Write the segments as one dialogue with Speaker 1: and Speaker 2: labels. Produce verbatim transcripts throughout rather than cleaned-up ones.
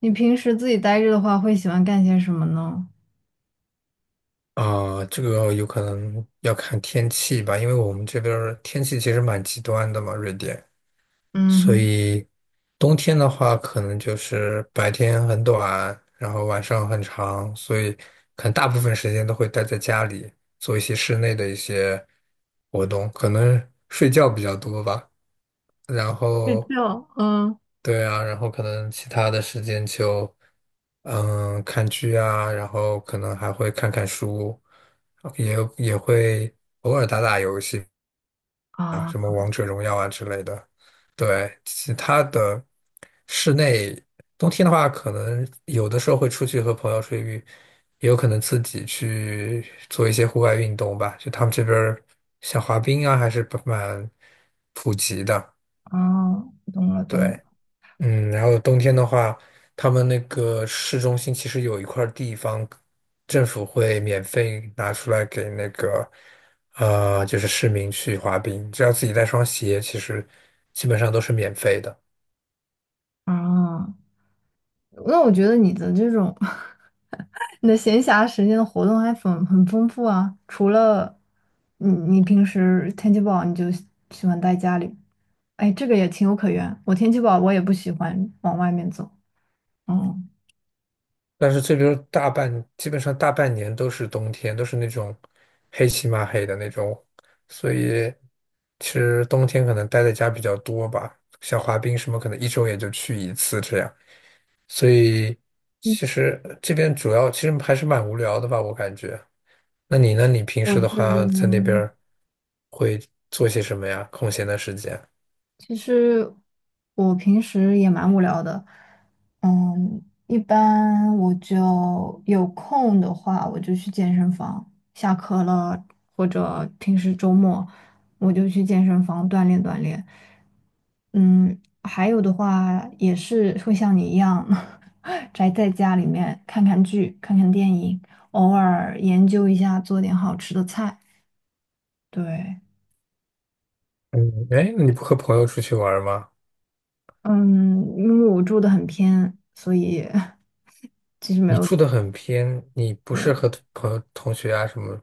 Speaker 1: 你平时自己待着的话，会喜欢干些什么呢？
Speaker 2: 啊，这个有可能要看天气吧，因为我们这边儿天气其实蛮极端的嘛，瑞典，所
Speaker 1: 嗯，
Speaker 2: 以冬天的话，可能就是白天很短，然后晚上很长，所以可能大部分时间都会待在家里，做一些室内的一些活动，可能睡觉比较多吧，然
Speaker 1: 睡
Speaker 2: 后
Speaker 1: 觉，嗯，
Speaker 2: 对啊，然后可能其他的时间就，嗯，看剧啊，然后可能还会看看书，呃也也会偶尔打打游戏啊，
Speaker 1: 啊，
Speaker 2: 什么王者荣耀啊之类的。对，其他的室内，冬天的话，可能有的时候会出去和朋友出去，也有可能自己去做一些户外运动吧。就他们这边儿像滑冰啊，还是蛮普及的。
Speaker 1: 哦，懂了懂了，
Speaker 2: 对。嗯，然后冬天的话，他们那个市中心其实有一块儿地方，政府会免费拿出来给那个，呃，就是市民去滑冰，只要自己带双鞋，其实基本上都是免费的。
Speaker 1: 啊，那我觉得你的这种 你的闲暇时间的活动还很很丰富啊。除了你，你平时天气不好你就喜喜欢待家里，哎，这个也情有可原。我天气不好，我也不喜欢往外面走。嗯
Speaker 2: 但是这边大半，基本上大半年都是冬天，都是那种黑漆麻黑的那种，所以其实冬天可能待在家比较多吧，像滑冰什么，可能一周也就去一次这样。所以其
Speaker 1: 嗯
Speaker 2: 实这边主要其实还是蛮无聊的吧，我感觉。那你呢？你平
Speaker 1: 我
Speaker 2: 时的
Speaker 1: 这
Speaker 2: 话在那边
Speaker 1: 边。
Speaker 2: 儿会做些什么呀？空闲的时间？
Speaker 1: 其实我平时也蛮无聊的，嗯，一般我就有空的话，我就去健身房。下课了，或者平时周末，我就去健身房锻炼锻炼。嗯，还有的话也是会像你一样，宅在家里面看看剧、看看电影，偶尔研究一下做点好吃的菜。对，
Speaker 2: 嗯，哎，那你不和朋友出去玩儿吗？
Speaker 1: 嗯，因为我住的很偏，所以 其实没
Speaker 2: 你
Speaker 1: 有
Speaker 2: 住
Speaker 1: 怎么
Speaker 2: 的很偏，你不
Speaker 1: 贵。
Speaker 2: 是和朋友、同学啊什么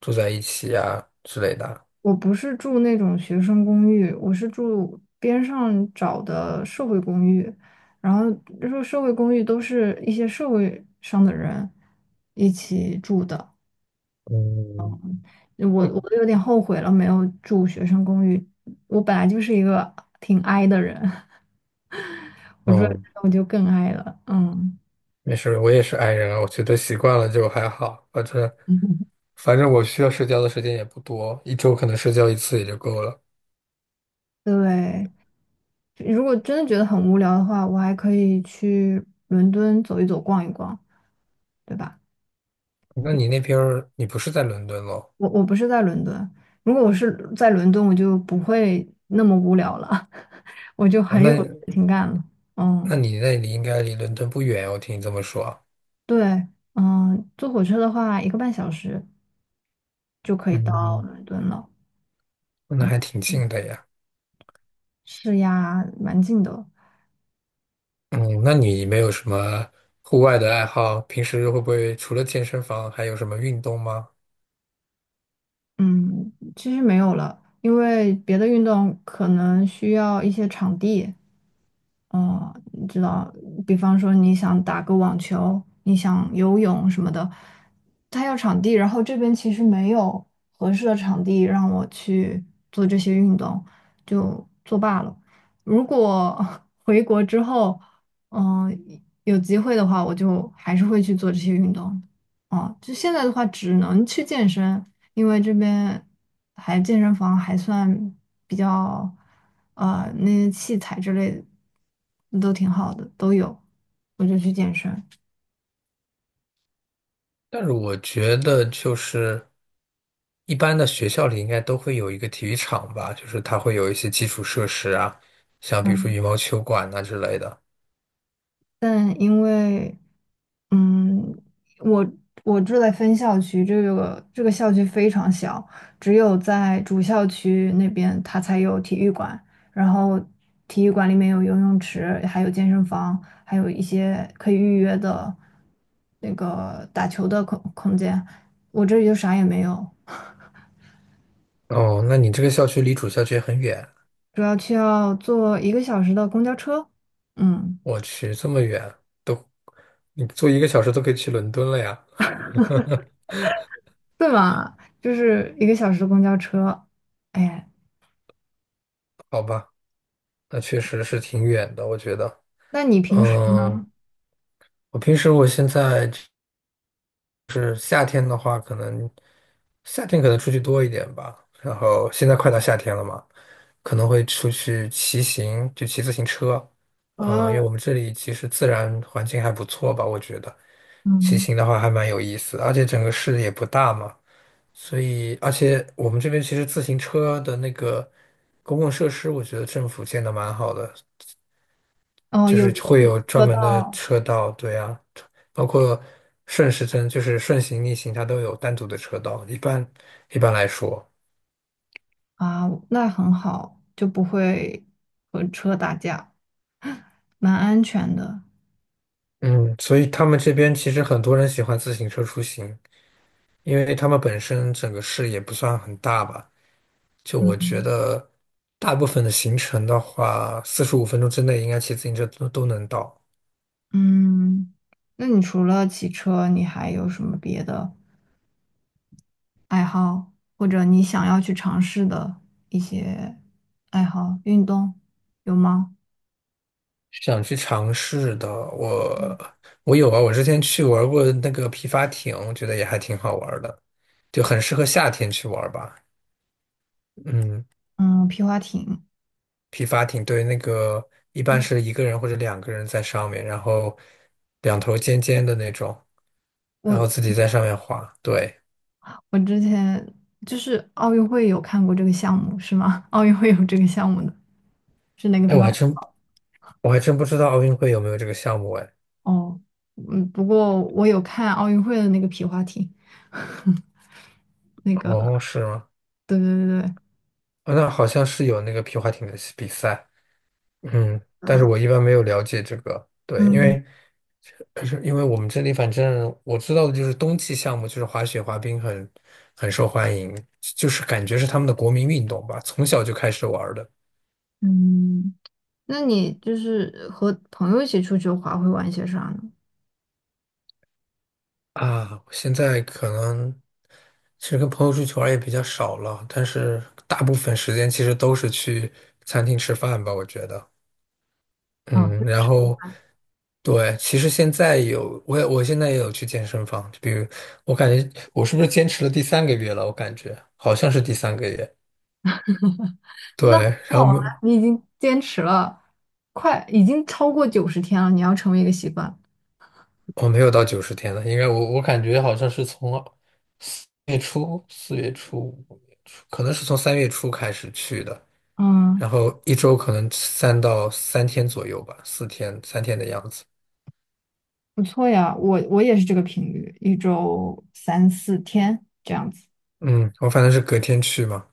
Speaker 2: 住在一起啊之类的啊
Speaker 1: 我不是住那种学生公寓，我是住边上找的社会公寓。然后就说社会公寓都是一些社会上的人一起住的。
Speaker 2: 嗯
Speaker 1: 我我
Speaker 2: 嗯，
Speaker 1: 都有点后悔了，没有住学生公寓。我本来就是一个挺 i 的人，我住在
Speaker 2: 嗯，
Speaker 1: 这我就更 i 了。嗯，
Speaker 2: 没事儿，我也是 i 人啊，我觉得习惯了就还好，反正 反正我需要社交的时间也不多，一周可能社交一次也就够了。
Speaker 1: 对。如果真的觉得很无聊的话，我还可以去伦敦走一走、逛一逛，对吧？
Speaker 2: 那你那边儿你不是在伦敦咯？
Speaker 1: 我我不是在伦敦，如果我是在伦敦，我就不会那么无聊了，我就
Speaker 2: 啊，
Speaker 1: 很
Speaker 2: 那
Speaker 1: 有事情感了。
Speaker 2: 那
Speaker 1: 嗯，
Speaker 2: 你那里应该离伦敦不远，我听你这么说啊。
Speaker 1: 对，嗯，坐火车的话，一个半小时就可以到
Speaker 2: 嗯，
Speaker 1: 伦敦了。
Speaker 2: 那
Speaker 1: 嗯，
Speaker 2: 还挺近的呀。
Speaker 1: 是呀，蛮近的。
Speaker 2: 嗯，那你没有什么户外的爱好？平时会不会除了健身房还有什么运动吗？
Speaker 1: 嗯，其实没有了，因为别的运动可能需要一些场地。哦，你知道，比方说你想打个网球，你想游泳什么的，他要场地，然后这边其实没有合适的场地让我去做这些运动，就作罢了。如果 回国之后，嗯、有机会的话，我就还是会去做这些运动。哦，就现在的话，只能去健身，因为这边还健身房还算比较，呃，那些器材之类的都挺好的，都有，我就去健身。
Speaker 2: 但是我觉得就是一般的学校里应该都会有一个体育场吧，就是它会有一些基础设施啊，像比如说
Speaker 1: 嗯，
Speaker 2: 羽毛球馆啊之类的。
Speaker 1: 但因为嗯，我我住在分校区，这个这个校区非常小，只有在主校区那边它才有体育馆，然后体育馆里面有游泳池，还有健身房，还有一些可以预约的那个打球的空空间。我这里就啥也没有，
Speaker 2: 哦，那你这个校区离主校区很远。
Speaker 1: 主要需要坐一个小时的公交车，嗯，
Speaker 2: 我去，这么远都，你坐一个小时都可以去伦敦了呀？
Speaker 1: 对嘛，就是一个小时的公交车。哎，
Speaker 2: 好吧，那确实是挺远的，我觉得。
Speaker 1: 那你平时
Speaker 2: 嗯，
Speaker 1: 呢？
Speaker 2: 我平时我现在就是夏天的话，可能夏天可能出去多一点吧。然后现在快到夏天了嘛，可能会出去骑行，就骑自行车。嗯，因为
Speaker 1: 啊，
Speaker 2: 我们这里其实自然环境还不错吧，我觉得骑
Speaker 1: 嗯。
Speaker 2: 行的话还蛮有意思，而且整个市也不大嘛。所以，而且我们这边其实自行车的那个公共设施，我觉得政府建的蛮好的，
Speaker 1: 哦，
Speaker 2: 就
Speaker 1: 有
Speaker 2: 是会有专
Speaker 1: 车
Speaker 2: 门的
Speaker 1: 道
Speaker 2: 车道，对啊，包括顺时针，就是顺行、逆行，它都有单独的车道。一般一般来说，
Speaker 1: 啊，那很好，就不会和车打架，蛮安全的。
Speaker 2: 嗯，所以他们这边其实很多人喜欢自行车出行，因为他们本身整个市也不算很大吧，就我
Speaker 1: 嗯
Speaker 2: 觉得大部分的行程的话，四十五分钟之内应该骑自行车都都能到。
Speaker 1: 嗯，那你除了骑车，你还有什么别的爱好，或者你想要去尝试的一些爱好、运动，有吗？
Speaker 2: 想去尝试的，
Speaker 1: 嗯，
Speaker 2: 我我有啊，我之前去玩过那个皮划艇，我觉得也还挺好玩的，就很适合夏天去玩吧。嗯，
Speaker 1: 嗯皮划艇，
Speaker 2: 皮划艇对那个一般
Speaker 1: 嗯
Speaker 2: 是一个人或者两个人在上面，然后两头尖尖的那种，然后自
Speaker 1: 我
Speaker 2: 己在上面滑。对，
Speaker 1: 我之前就是奥运会有看过这个项目，是吗？奥运会有这个项目的，是哪个
Speaker 2: 哎，
Speaker 1: 皮
Speaker 2: 我
Speaker 1: 划
Speaker 2: 还真我还真不知道奥运会有没有这个项目哎。
Speaker 1: 哦，嗯，不过我有看奥运会的那个皮划艇，那个，
Speaker 2: 哦，是吗？
Speaker 1: 对对对对，
Speaker 2: 哦那好像是有那个皮划艇的比赛。嗯，但是
Speaker 1: 呃，
Speaker 2: 我一般没有了解这个，对，因
Speaker 1: 嗯
Speaker 2: 为可是因为我们这里，反正我知道的就是冬季项目，就是滑雪、滑冰很很受欢迎，就是感觉是他们的国民运动吧，从小就开始玩儿的
Speaker 1: 嗯，那你就是和朋友一起出去滑会玩些啥呢？
Speaker 2: 啊。现在可能其实跟朋友出去玩儿也比较少了，但是大部分时间其实都是去餐厅吃饭吧，我觉得。
Speaker 1: 啊，
Speaker 2: 嗯，然
Speaker 1: 就是
Speaker 2: 后对，其实现在有我也我现在也有去健身房，就比如我感觉我是不是坚持了第三个月了？我感觉好像是第三个月。对，
Speaker 1: 那很
Speaker 2: 然后
Speaker 1: 好啊，你已经坚持了，快，已经超过九十天了，你要成为一个习惯。
Speaker 2: 我没有到九十天了，应该我我感觉好像是从四月初、四月初、五月初，可能是从三月初开始去的，
Speaker 1: 嗯，
Speaker 2: 然后一周可能三到三天左右吧，四天、三天的样子。
Speaker 1: 不错呀，我我也是这个频率，一周三到四天这样子。
Speaker 2: 嗯，我反正是隔天去嘛，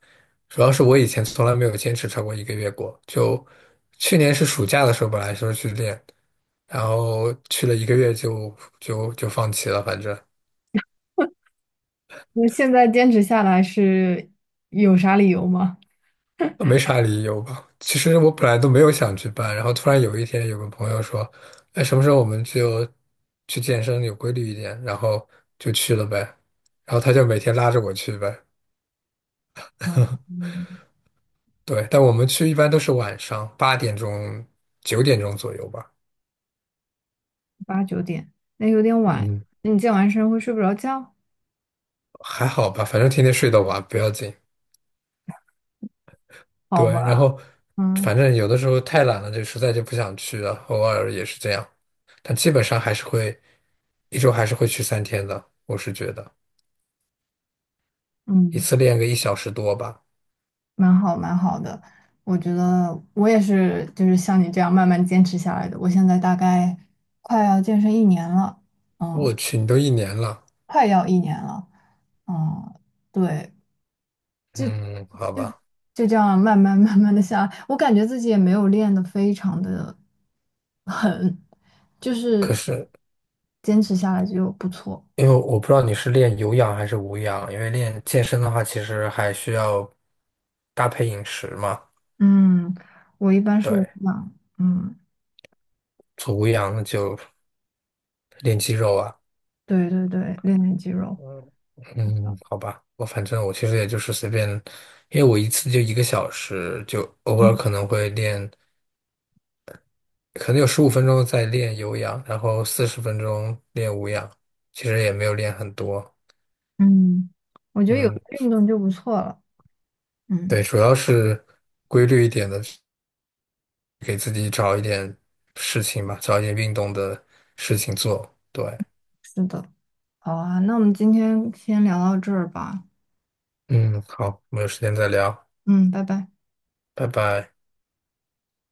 Speaker 2: 主要是我以前从来没有坚持超过一个月过，就去年是暑假的时候本来说去练，然后去了一个月就就就放弃了，反正。
Speaker 1: 那现在坚持下来是有啥理由吗？
Speaker 2: 没啥理由吧。其实我本来都没有想去办，然后突然有一天有个朋友说："哎，什么时候我们就去健身有规律一点？"然后就去了呗。然后他就每天拉着我去呗。
Speaker 1: 啊，嗯，
Speaker 2: 对，但我们去一般都是晚上八点钟、九点钟左右吧。
Speaker 1: 八九点，那有点晚。
Speaker 2: 嗯，
Speaker 1: 那你健完身会睡不着觉？
Speaker 2: 还好吧，反正天天睡得晚，不要紧。
Speaker 1: 好
Speaker 2: 对，
Speaker 1: 吧，
Speaker 2: 然后
Speaker 1: 嗯
Speaker 2: 反正有的时候太懒了，就实在就不想去了，偶尔也是这样。但基本上还是会一周还是会去三天的，我是觉得。一
Speaker 1: 嗯，
Speaker 2: 次练个一小时多吧。
Speaker 1: 蛮好蛮好的。我觉得我也是，就是像你这样慢慢坚持下来的。我现在大概快要健身一年了，嗯，
Speaker 2: 我去，你都一年了。
Speaker 1: 快要一年了，嗯，对，
Speaker 2: 嗯，好
Speaker 1: 就
Speaker 2: 吧。
Speaker 1: 就这样慢慢慢慢的下来。我感觉自己也没有练得非常的狠，就
Speaker 2: 可
Speaker 1: 是
Speaker 2: 是
Speaker 1: 坚持下来就不错。
Speaker 2: 因为我不知道你是练有氧还是无氧，因为练健身的话，其实还需要搭配饮食嘛。
Speaker 1: 嗯，我一般是无
Speaker 2: 对，
Speaker 1: 氧，嗯，
Speaker 2: 做无氧那就练肌肉啊。
Speaker 1: 对对对，练练肌肉，
Speaker 2: 嗯嗯，好吧。我反正我其实也就是随便，因为我一次就一个小时，就偶尔
Speaker 1: 嗯
Speaker 2: 可能会练，可能有十五分钟在练有氧，然后四十分钟练无氧，其实也没有练很多。
Speaker 1: 嗯，我觉得有
Speaker 2: 嗯。
Speaker 1: 运动就不错了，
Speaker 2: 对，
Speaker 1: 嗯，
Speaker 2: 主要是规律一点的，给自己找一点事情吧，找一点运动的事情做。对，
Speaker 1: 是的，好啊，那我们今天先聊到这儿吧，
Speaker 2: 嗯，好，我们有时间再聊，
Speaker 1: 嗯，拜拜。
Speaker 2: 拜拜。